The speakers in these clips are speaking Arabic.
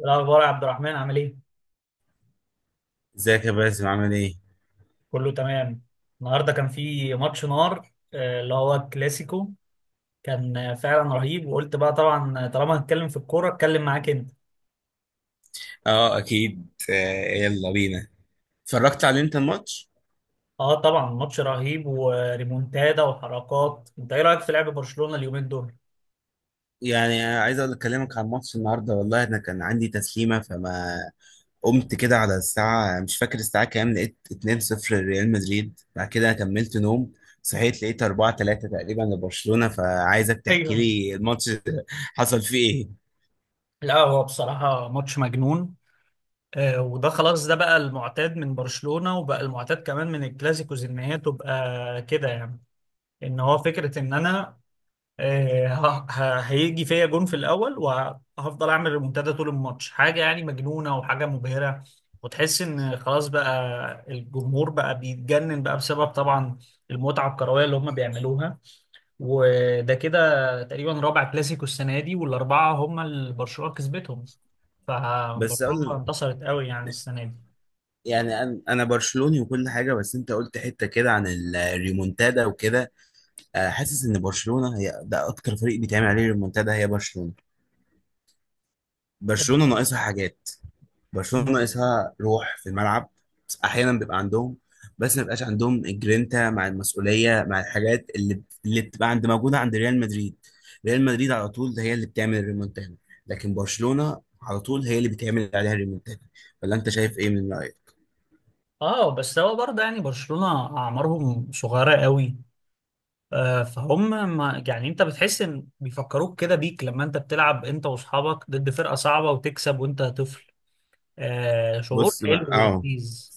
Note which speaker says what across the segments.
Speaker 1: إيه الأخبار يا عبد الرحمن، عامل إيه؟
Speaker 2: ازيك يا باسم عامل ايه؟
Speaker 1: كله تمام. النهاردة كان في ماتش نار، اللي هو الكلاسيكو كان فعلا رهيب، وقلت بقى طبعا طالما هتكلم في الكورة اتكلم معاك أنت.
Speaker 2: اه اكيد آه، يلا بينا. اتفرجت على انت الماتش؟
Speaker 1: أه، طبعا ماتش رهيب وريمونتادا وحركات، أنت إيه رأيك في لعب برشلونة اليومين دول؟
Speaker 2: يعني عايز اقول اكلمك عن الماتش النهارده. والله انا كان عندي تسليمه فما قمت كده على الساعه، مش فاكر الساعه كام، لقيت 2-0 لريال مدريد، بعد كده كملت نوم. صحيت لقيت 4-3 تقريبا لبرشلونه، فعايزك تحكي
Speaker 1: ايوه.
Speaker 2: لي الماتش. حصل فيه ايه؟
Speaker 1: لا، هو بصراحة ماتش مجنون. وده خلاص، ده بقى المعتاد من برشلونة، وبقى المعتاد كمان من الكلاسيكوز، إن هي تبقى كده يعني. إن هو فكرة إن أنا هيجي فيا جون في الاول وهفضل اعمل ريمونتادا طول الماتش، حاجه يعني مجنونه وحاجه مبهره. وتحس ان خلاص بقى الجمهور بقى بيتجنن بقى بسبب طبعا المتعه الكرويه اللي هم بيعملوها. وده كده تقريبا رابع كلاسيكو السنه دي، والاربعه هم اللي برشلونه كسبتهم،
Speaker 2: بس
Speaker 1: فبرشلونه
Speaker 2: اقول
Speaker 1: انتصرت قوي يعني السنه دي.
Speaker 2: يعني انا برشلوني وكل حاجه، بس انت قلت حته كده عن الريمونتادا وكده. حاسس ان برشلونه هي ده اكتر فريق بيتعمل عليه ريمونتادا، هي برشلونه. برشلونه ناقصها حاجات، برشلونه ناقصها روح في الملعب. بس احيانا بيبقى عندهم، بس ما بيبقاش عندهم الجرينتا مع المسؤوليه مع الحاجات اللي بتبقى عند موجوده عند ريال مدريد. ريال مدريد على طول هي اللي بتعمل الريمونتادا، لكن برشلونه على طول هي اللي بتعمل عليها الريمونتادا. ولا انت شايف ايه، من رايك؟
Speaker 1: اه بس هو برضه يعني برشلونه اعمارهم صغيره قوي، فهم ما يعني، انت بتحس ان بيفكروك كده بيك لما انت بتلعب انت واصحابك ضد فرقة صعبة وتكسب وانت طفل. آه، شعور
Speaker 2: بص
Speaker 1: حلو
Speaker 2: بقى اه،
Speaker 1: ولذيذ.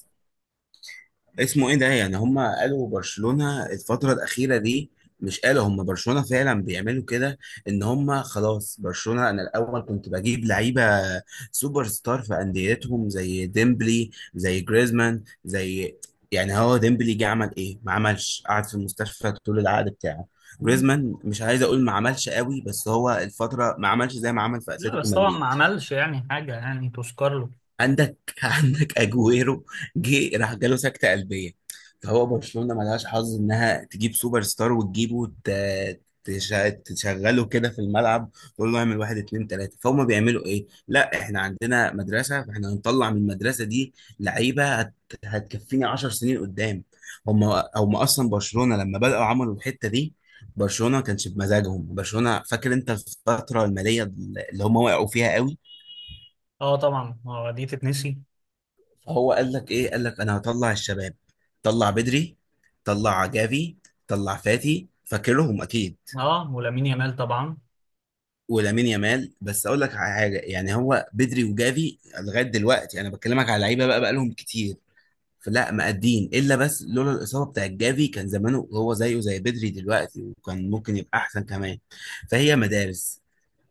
Speaker 2: اسمه ايه ده، يعني هم قالوا برشلونة الفترة الأخيرة دي، مش قالوا هم برشلونة فعلا بيعملوا كده؟ ان هم خلاص برشلونة انا الاول كنت بجيب لعيبة سوبر ستار في أنديتهم زي ديمبلي، زي جريزمان، زي يعني هو ديمبلي جه عمل ايه؟ ما عملش، قعد في المستشفى طول العقد بتاعه.
Speaker 1: مم.
Speaker 2: جريزمان مش عايز اقول ما عملش قوي، بس هو الفترة ما عملش زي ما عمل في
Speaker 1: لا،
Speaker 2: اتلتيكو
Speaker 1: بس طبعا
Speaker 2: مدريد.
Speaker 1: ما عملش يعني حاجة يعني تذكر له.
Speaker 2: عندك اجويرو، جه راح جاله سكته قلبيه. فهو برشلونه ملهاش حظ انها تجيب سوبر ستار وتجيبه وت- تش- تشغله كده في الملعب، تقول له اعمل واحد اتنين تلاته. فهم بيعملوا ايه؟ لا احنا عندنا مدرسه، فاحنا هنطلع من المدرسه دي لعيبه هتكفيني 10 سنين قدام. هم هم اصلا برشلونه لما بداوا عملوا الحته دي، برشلونه ما كانش بمزاجهم برشلونه، فاكر انت الفتره الماليه اللي هم وقعوا فيها قوي؟
Speaker 1: اه طبعا، دي تتنسي.
Speaker 2: هو قال لك ايه؟ قال لك انا هطلع الشباب. طلع بدري، طلع جافي، طلع فاتي، فاكرهم اكيد.
Speaker 1: اه، ولامين يامال طبعا.
Speaker 2: ولامين يامال بس اقول لك على حاجه، يعني هو بدري وجافي لغايه دلوقتي انا بكلمك على لعيبه بقى بقالهم كتير، فلا مقدين الا بس. لولا الاصابه بتاعت جافي كان زمانه هو زيه زي بدري دلوقتي، وكان ممكن يبقى احسن كمان. فهي مدارس.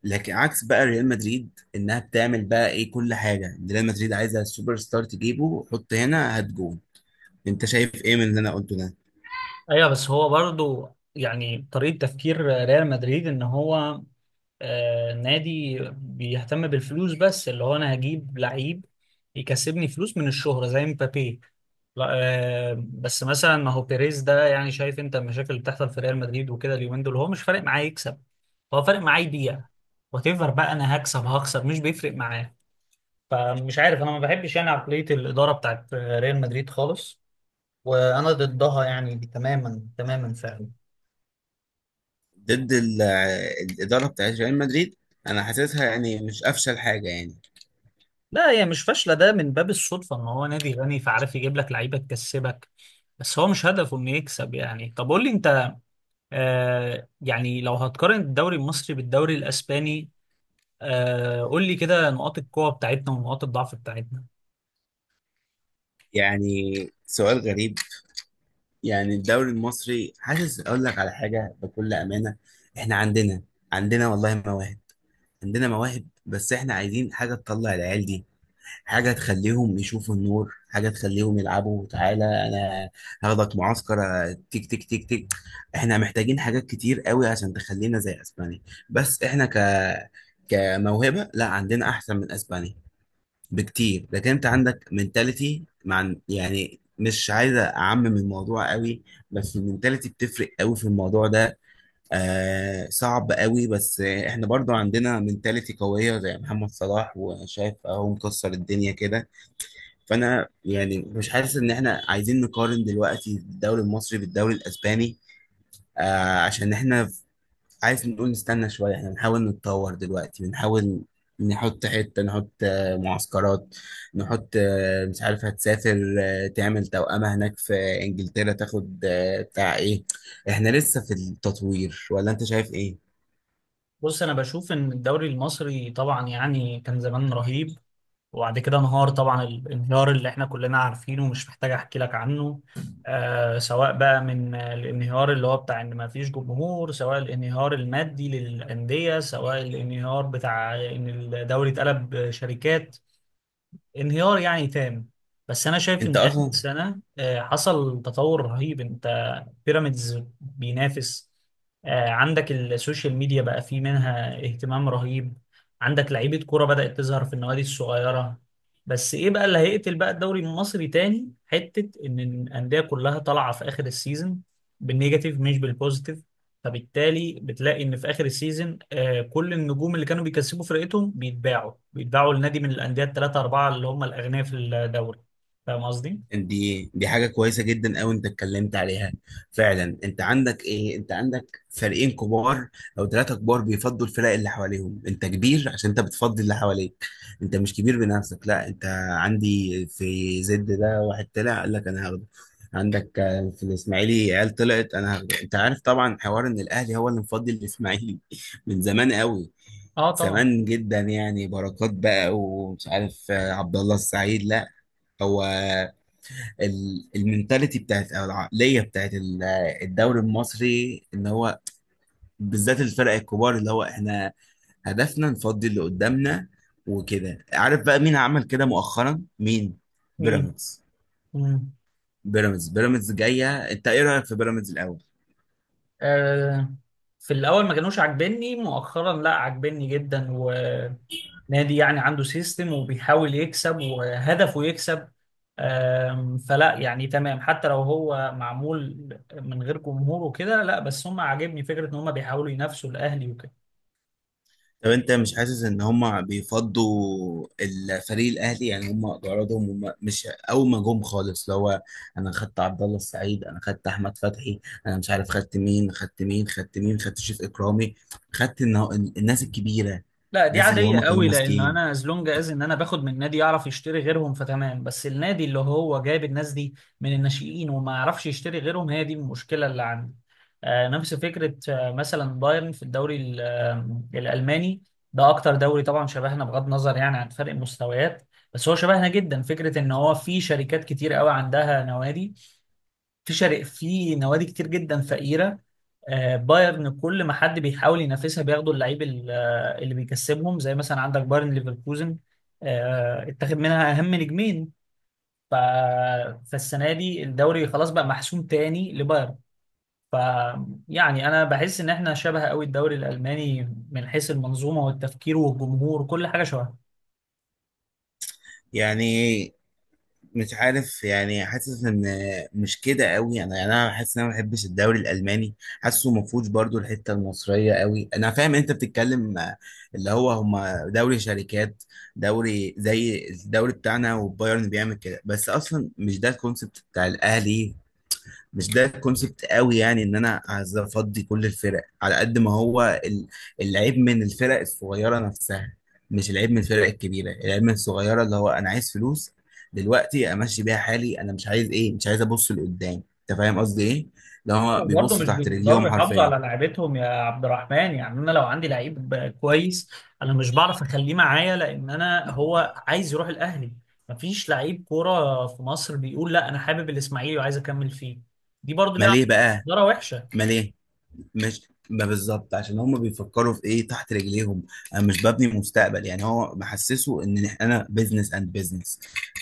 Speaker 2: لكن عكس بقى ريال مدريد، انها بتعمل بقى ايه، كل حاجه ريال مدريد عايزه السوبر ستار تجيبه، حط هنا هات جون. انت شايف ايه من اللي انا قلته ده؟
Speaker 1: ايوه، بس هو برضو يعني طريقة تفكير ريال مدريد، ان هو نادي بيهتم بالفلوس، بس اللي هو انا هجيب لعيب يكسبني فلوس من الشهرة زي مبابي. لا. بس مثلا ما هو بيريز ده، يعني شايف انت المشاكل اللي بتحصل في ريال مدريد وكده اليومين دول، هو مش فارق معاه يكسب، هو فارق معاه يبيع، وتفر بقى انا هكسب هخسر مش بيفرق معاه. فمش عارف، انا ما بحبش يعني عقلية الإدارة بتاعت ريال مدريد خالص، وانا ضدها يعني تماما تماما فعلا.
Speaker 2: ضد ال- الاداره بتاعت ريال مدريد انا حاسسها يعني مش افشل حاجه يعني.
Speaker 1: لا، هي مش فاشله، ده من باب الصدفه ان هو نادي غني فعارف يجيب لك لعيبه تكسبك، بس هو مش هدفه انه يكسب. يعني طب قول لي انت، يعني لو هتقارن الدوري المصري بالدوري الاسباني، قول لي كده نقاط القوه بتاعتنا ونقاط الضعف بتاعتنا.
Speaker 2: يعني سؤال غريب. يعني الدوري المصري، حاسس اقول لك على حاجه بكل امانه، احنا عندنا والله مواهب، عندنا مواهب. بس احنا عايزين حاجه تطلع العيال دي، حاجة تخليهم يشوفوا النور، حاجة تخليهم يلعبوا. تعالى أنا هاخدك معسكر، تيك تيك تيك تيك. إحنا محتاجين حاجات كتير قوي عشان تخلينا زي أسبانيا، بس إحنا كموهبة لا عندنا أحسن من أسبانيا بكتير. لكن أنت عندك منتاليتي مع، يعني مش عايز أعمم الموضوع قوي، بس المنتاليتي بتفرق قوي في الموضوع ده. آه صعب قوي، بس إحنا برضو عندنا منتاليتي قوية زي محمد صلاح، وشايف أهو مكسر الدنيا كده. فانا يعني مش حاسس ان احنا عايزين نقارن دلوقتي الدوري المصري بالدوري الاسباني. آه عشان احنا عايز نقول نستنى شويه، احنا بنحاول نتطور دلوقتي، بنحاول نحط حته، نحط معسكرات، نحط مش عارف، هتسافر تعمل توأمة هناك في انجلترا، تاخد بتاع ايه. احنا لسه في التطوير، ولا انت شايف ايه؟
Speaker 1: بص، انا بشوف ان الدوري المصري طبعا يعني كان زمان رهيب، وبعد كده انهار طبعا، الانهيار اللي احنا كلنا عارفينه ومش محتاج احكي لك عنه. سواء بقى من الانهيار اللي هو بتاع ان ما فيش جمهور، سواء الانهيار المادي للأندية، سواء الانهيار بتاع ان الدوري اتقلب شركات. انهيار يعني تام. بس انا شايف
Speaker 2: انت
Speaker 1: ان اخر
Speaker 2: اصلا
Speaker 1: السنه حصل تطور رهيب. انت، بيراميدز بينافس، عندك السوشيال ميديا بقى فيه منها اهتمام رهيب، عندك لعيبه كوره بدات تظهر في النوادي الصغيره. بس ايه بقى اللي هيقتل بقى الدوري المصري تاني، حته ان الانديه كلها طالعه في اخر السيزون بالنيجاتيف مش بالبوزيتيف. فبالتالي بتلاقي ان في اخر السيزون كل النجوم اللي كانوا بيكسبوا فرقتهم بيتباعوا بيتباعوا لنادي من الانديه الثلاثه اربعه اللي هم الاغنياء في الدوري. فاهم قصدي؟
Speaker 2: دي حاجة كويسة جدا أوي أنت اتكلمت عليها. فعلا أنت عندك إيه، أنت عندك فريقين كبار أو ثلاثة كبار بيفضوا الفرق اللي حواليهم. أنت كبير عشان أنت بتفضي اللي حواليك، أنت مش كبير بنفسك. لا أنت عندي في زد ده واحد طلع قال لك أنا هاخده، عندك في الإسماعيلي عيال طلعت أنا هاخده. أنت عارف طبعا حوار إن الأهلي هو اللي مفضي الإسماعيلي من زمان أوي،
Speaker 1: اه طبعا.
Speaker 2: زمان جدا، يعني بركات بقى ومش عارف عبد الله السعيد. لا هو المنتاليتي بتاعت او العقليه بتاعت الدوري المصري ان هو، بالذات الفرق الكبار، اللي هو احنا هدفنا نفضي اللي قدامنا. وكده عارف بقى مين عمل كده مؤخرا؟ مين؟
Speaker 1: مين؟
Speaker 2: بيراميدز.
Speaker 1: مم.
Speaker 2: بيراميدز جايه. انت ايه رايك في بيراميدز الاول؟
Speaker 1: آه في الاول ما كانوش عاجبني، مؤخرا لا، عاجبني جدا، ونادي يعني عنده سيستم وبيحاول يكسب وهدفه يكسب. فلا يعني تمام، حتى لو هو معمول من غير جمهور وكده، لا بس هم عاجبني فكره ان هم بيحاولوا ينافسوا الاهلي وكده.
Speaker 2: طب انت مش حاسس ان هم بيفضوا الفريق الاهلي يعني؟ هم غرضهم هم مش اول ما جم خالص اللي هو انا خدت عبد الله السعيد، انا خدت احمد فتحي، انا مش عارف خدت مين، خدت مين، خدت مين، خدت شريف اكرامي، خدت النا- الناس الكبيره،
Speaker 1: لا، دي
Speaker 2: الناس اللي
Speaker 1: عادية
Speaker 2: هم كانوا
Speaker 1: قوي، لأن
Speaker 2: ماسكين.
Speaker 1: أنا از لونج از إن أنا باخد من نادي يعرف يشتري غيرهم فتمام، بس النادي اللي هو جايب الناس دي من الناشئين وما يعرفش يشتري غيرهم، هي دي المشكلة اللي عندي. نفس فكرة، مثلا بايرن في الدوري الألماني، ده أكتر دوري طبعا شبهنا بغض النظر يعني عن فرق المستويات. بس هو شبهنا جدا، فكرة إن هو في شركات كتير قوي عندها نوادي، في شرق في نوادي كتير جدا فقيرة. بايرن كل ما حد بيحاول ينافسها بياخدوا اللعيب اللي بيكسبهم، زي مثلا عندك بايرن ليفركوزن اتخذ منها أهم نجمين. ف... فالسنة دي الدوري خلاص بقى محسوم تاني لبايرن. ف يعني أنا بحس إن احنا شبه قوي الدوري الألماني من حيث المنظومة والتفكير والجمهور، كل حاجة شبه.
Speaker 2: يعني مش عارف، يعني حاسس ان مش كده قوي انا، يعني انا حاسس ان انا ما بحبش الدوري الالماني. حاسه ما فيهوش برضو الحته المصريه قوي. انا فاهم انت بتتكلم اللي هو هما دوري شركات، دوري زي الدوري بتاعنا وبايرن بيعمل كده، بس اصلا مش ده الكونسيبت بتاع الاهلي. مش ده كونسبت قوي يعني، ان انا عايز افضي كل الفرق على قد ما هو العيب من الفرق الصغيره نفسها، مش العيب من الفرق الكبيره، العيب من الصغيره اللي هو انا عايز فلوس دلوقتي امشي بيها حالي، انا مش عايز ايه، مش عايز ابص لقدام. انت فاهم قصدي ايه؟ اللي هو
Speaker 1: برضه
Speaker 2: بيبصوا
Speaker 1: مش
Speaker 2: تحت رجليهم
Speaker 1: بيقدروا يحافظوا
Speaker 2: حرفيا.
Speaker 1: على لعيبتهم يا عبد الرحمن، يعني انا لو عندي لعيب كويس انا مش بعرف اخليه معايا، لان انا هو عايز يروح الاهلي. مفيش لعيب كوره في مصر بيقول لا انا حابب الاسماعيلي وعايز اكمل فيه. دي برضه
Speaker 2: ما
Speaker 1: ليها
Speaker 2: ليه بقى؟
Speaker 1: اداره وحشه.
Speaker 2: ما ليه؟ مش ما بالظبط عشان هم بيفكروا في ايه، تحت رجليهم. انا مش ببني مستقبل، يعني هو محسسه ان انا بزنس اند بزنس،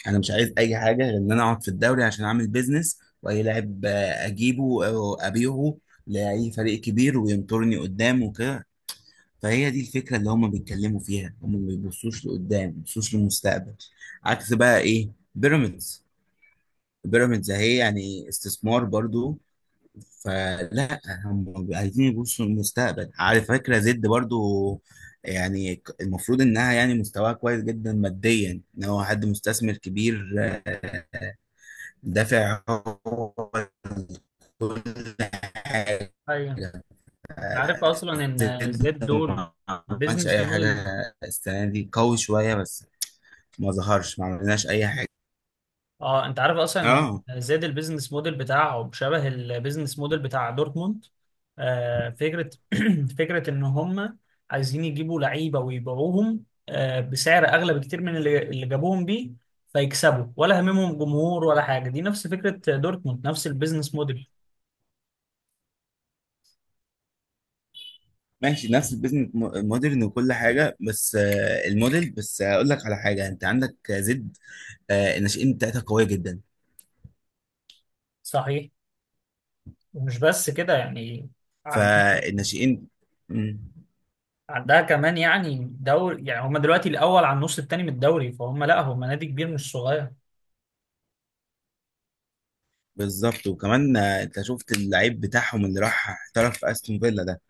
Speaker 2: انا مش عايز اي حاجه غير ان انا اقعد في الدوري عشان اعمل بزنس، واي لاعب اجيبه او ابيعه لاي فريق كبير وينطرني قدام وكده. فهي دي الفكره اللي هم بيتكلموا فيها، هم ما بيبصوش لقدام، ما بيبصوش للمستقبل. عكس بقى ايه بيراميدز، بيراميدز اهي يعني استثمار برضو، فلا هم عايزين يبصوا للمستقبل. على فكرة زد برضو يعني المفروض انها يعني مستواها كويس جدا ماديا، ان هو حد مستثمر كبير دافع حاجة.
Speaker 1: ايوه، انت عارف
Speaker 2: آه،
Speaker 1: اصلا ان
Speaker 2: زد
Speaker 1: زياد دول
Speaker 2: ما عملش
Speaker 1: بيزنس
Speaker 2: اي حاجة
Speaker 1: موديل.
Speaker 2: السنة دي قوي، شوية بس، ما ظهرش، ما عملناش اي حاجة.
Speaker 1: اه، انت عارف اصلا
Speaker 2: اه
Speaker 1: ان زاد البيزنس موديل بتاعه شبه البيزنس موديل بتاع دورتموند. فكره فكره ان هم عايزين يجيبوا لعيبه ويبيعوهم بسعر اغلى بكتير من اللي جابوهم بيه، فيكسبوا ولا هممهم جمهور ولا حاجه. دي نفس فكره دورتموند، نفس البيزنس موديل.
Speaker 2: ماشي نفس البيزنس مودرن وكل حاجة، بس الموديل، بس اقول لك على حاجة، انت عندك زد الناشئين بتاعتها قوية جدا.
Speaker 1: صحيح. ومش بس كده يعني عن-
Speaker 2: فالناشئين مم.
Speaker 1: عندها كمان يعني دوري، يعني هم دلوقتي الاول على النص التاني من الدوري، فهم لا هم نادي كبير مش صغير.
Speaker 2: بالظبط. وكمان انت شفت اللعيب بتاعهم اللي راح احترف في استون فيلا ده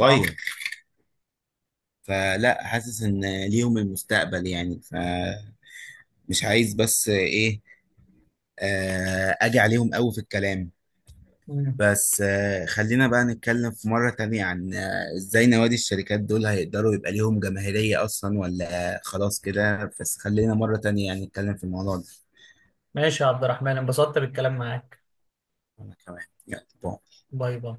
Speaker 1: اه،
Speaker 2: فلا حاسس ان ليهم المستقبل يعني، فمش عايز بس ايه اجي عليهم قوي في الكلام. بس خلينا بقى نتكلم في مرة تانية عن ازاي نوادي الشركات دول هيقدروا يبقى ليهم جماهيرية اصلا، ولا خلاص كده بس. خلينا مرة تانية يعني نتكلم في الموضوع ده.
Speaker 1: ماشي يا عبد الرحمن، انبسطت بالكلام معاك.
Speaker 2: أنا كمان يلا باي.
Speaker 1: باي باي.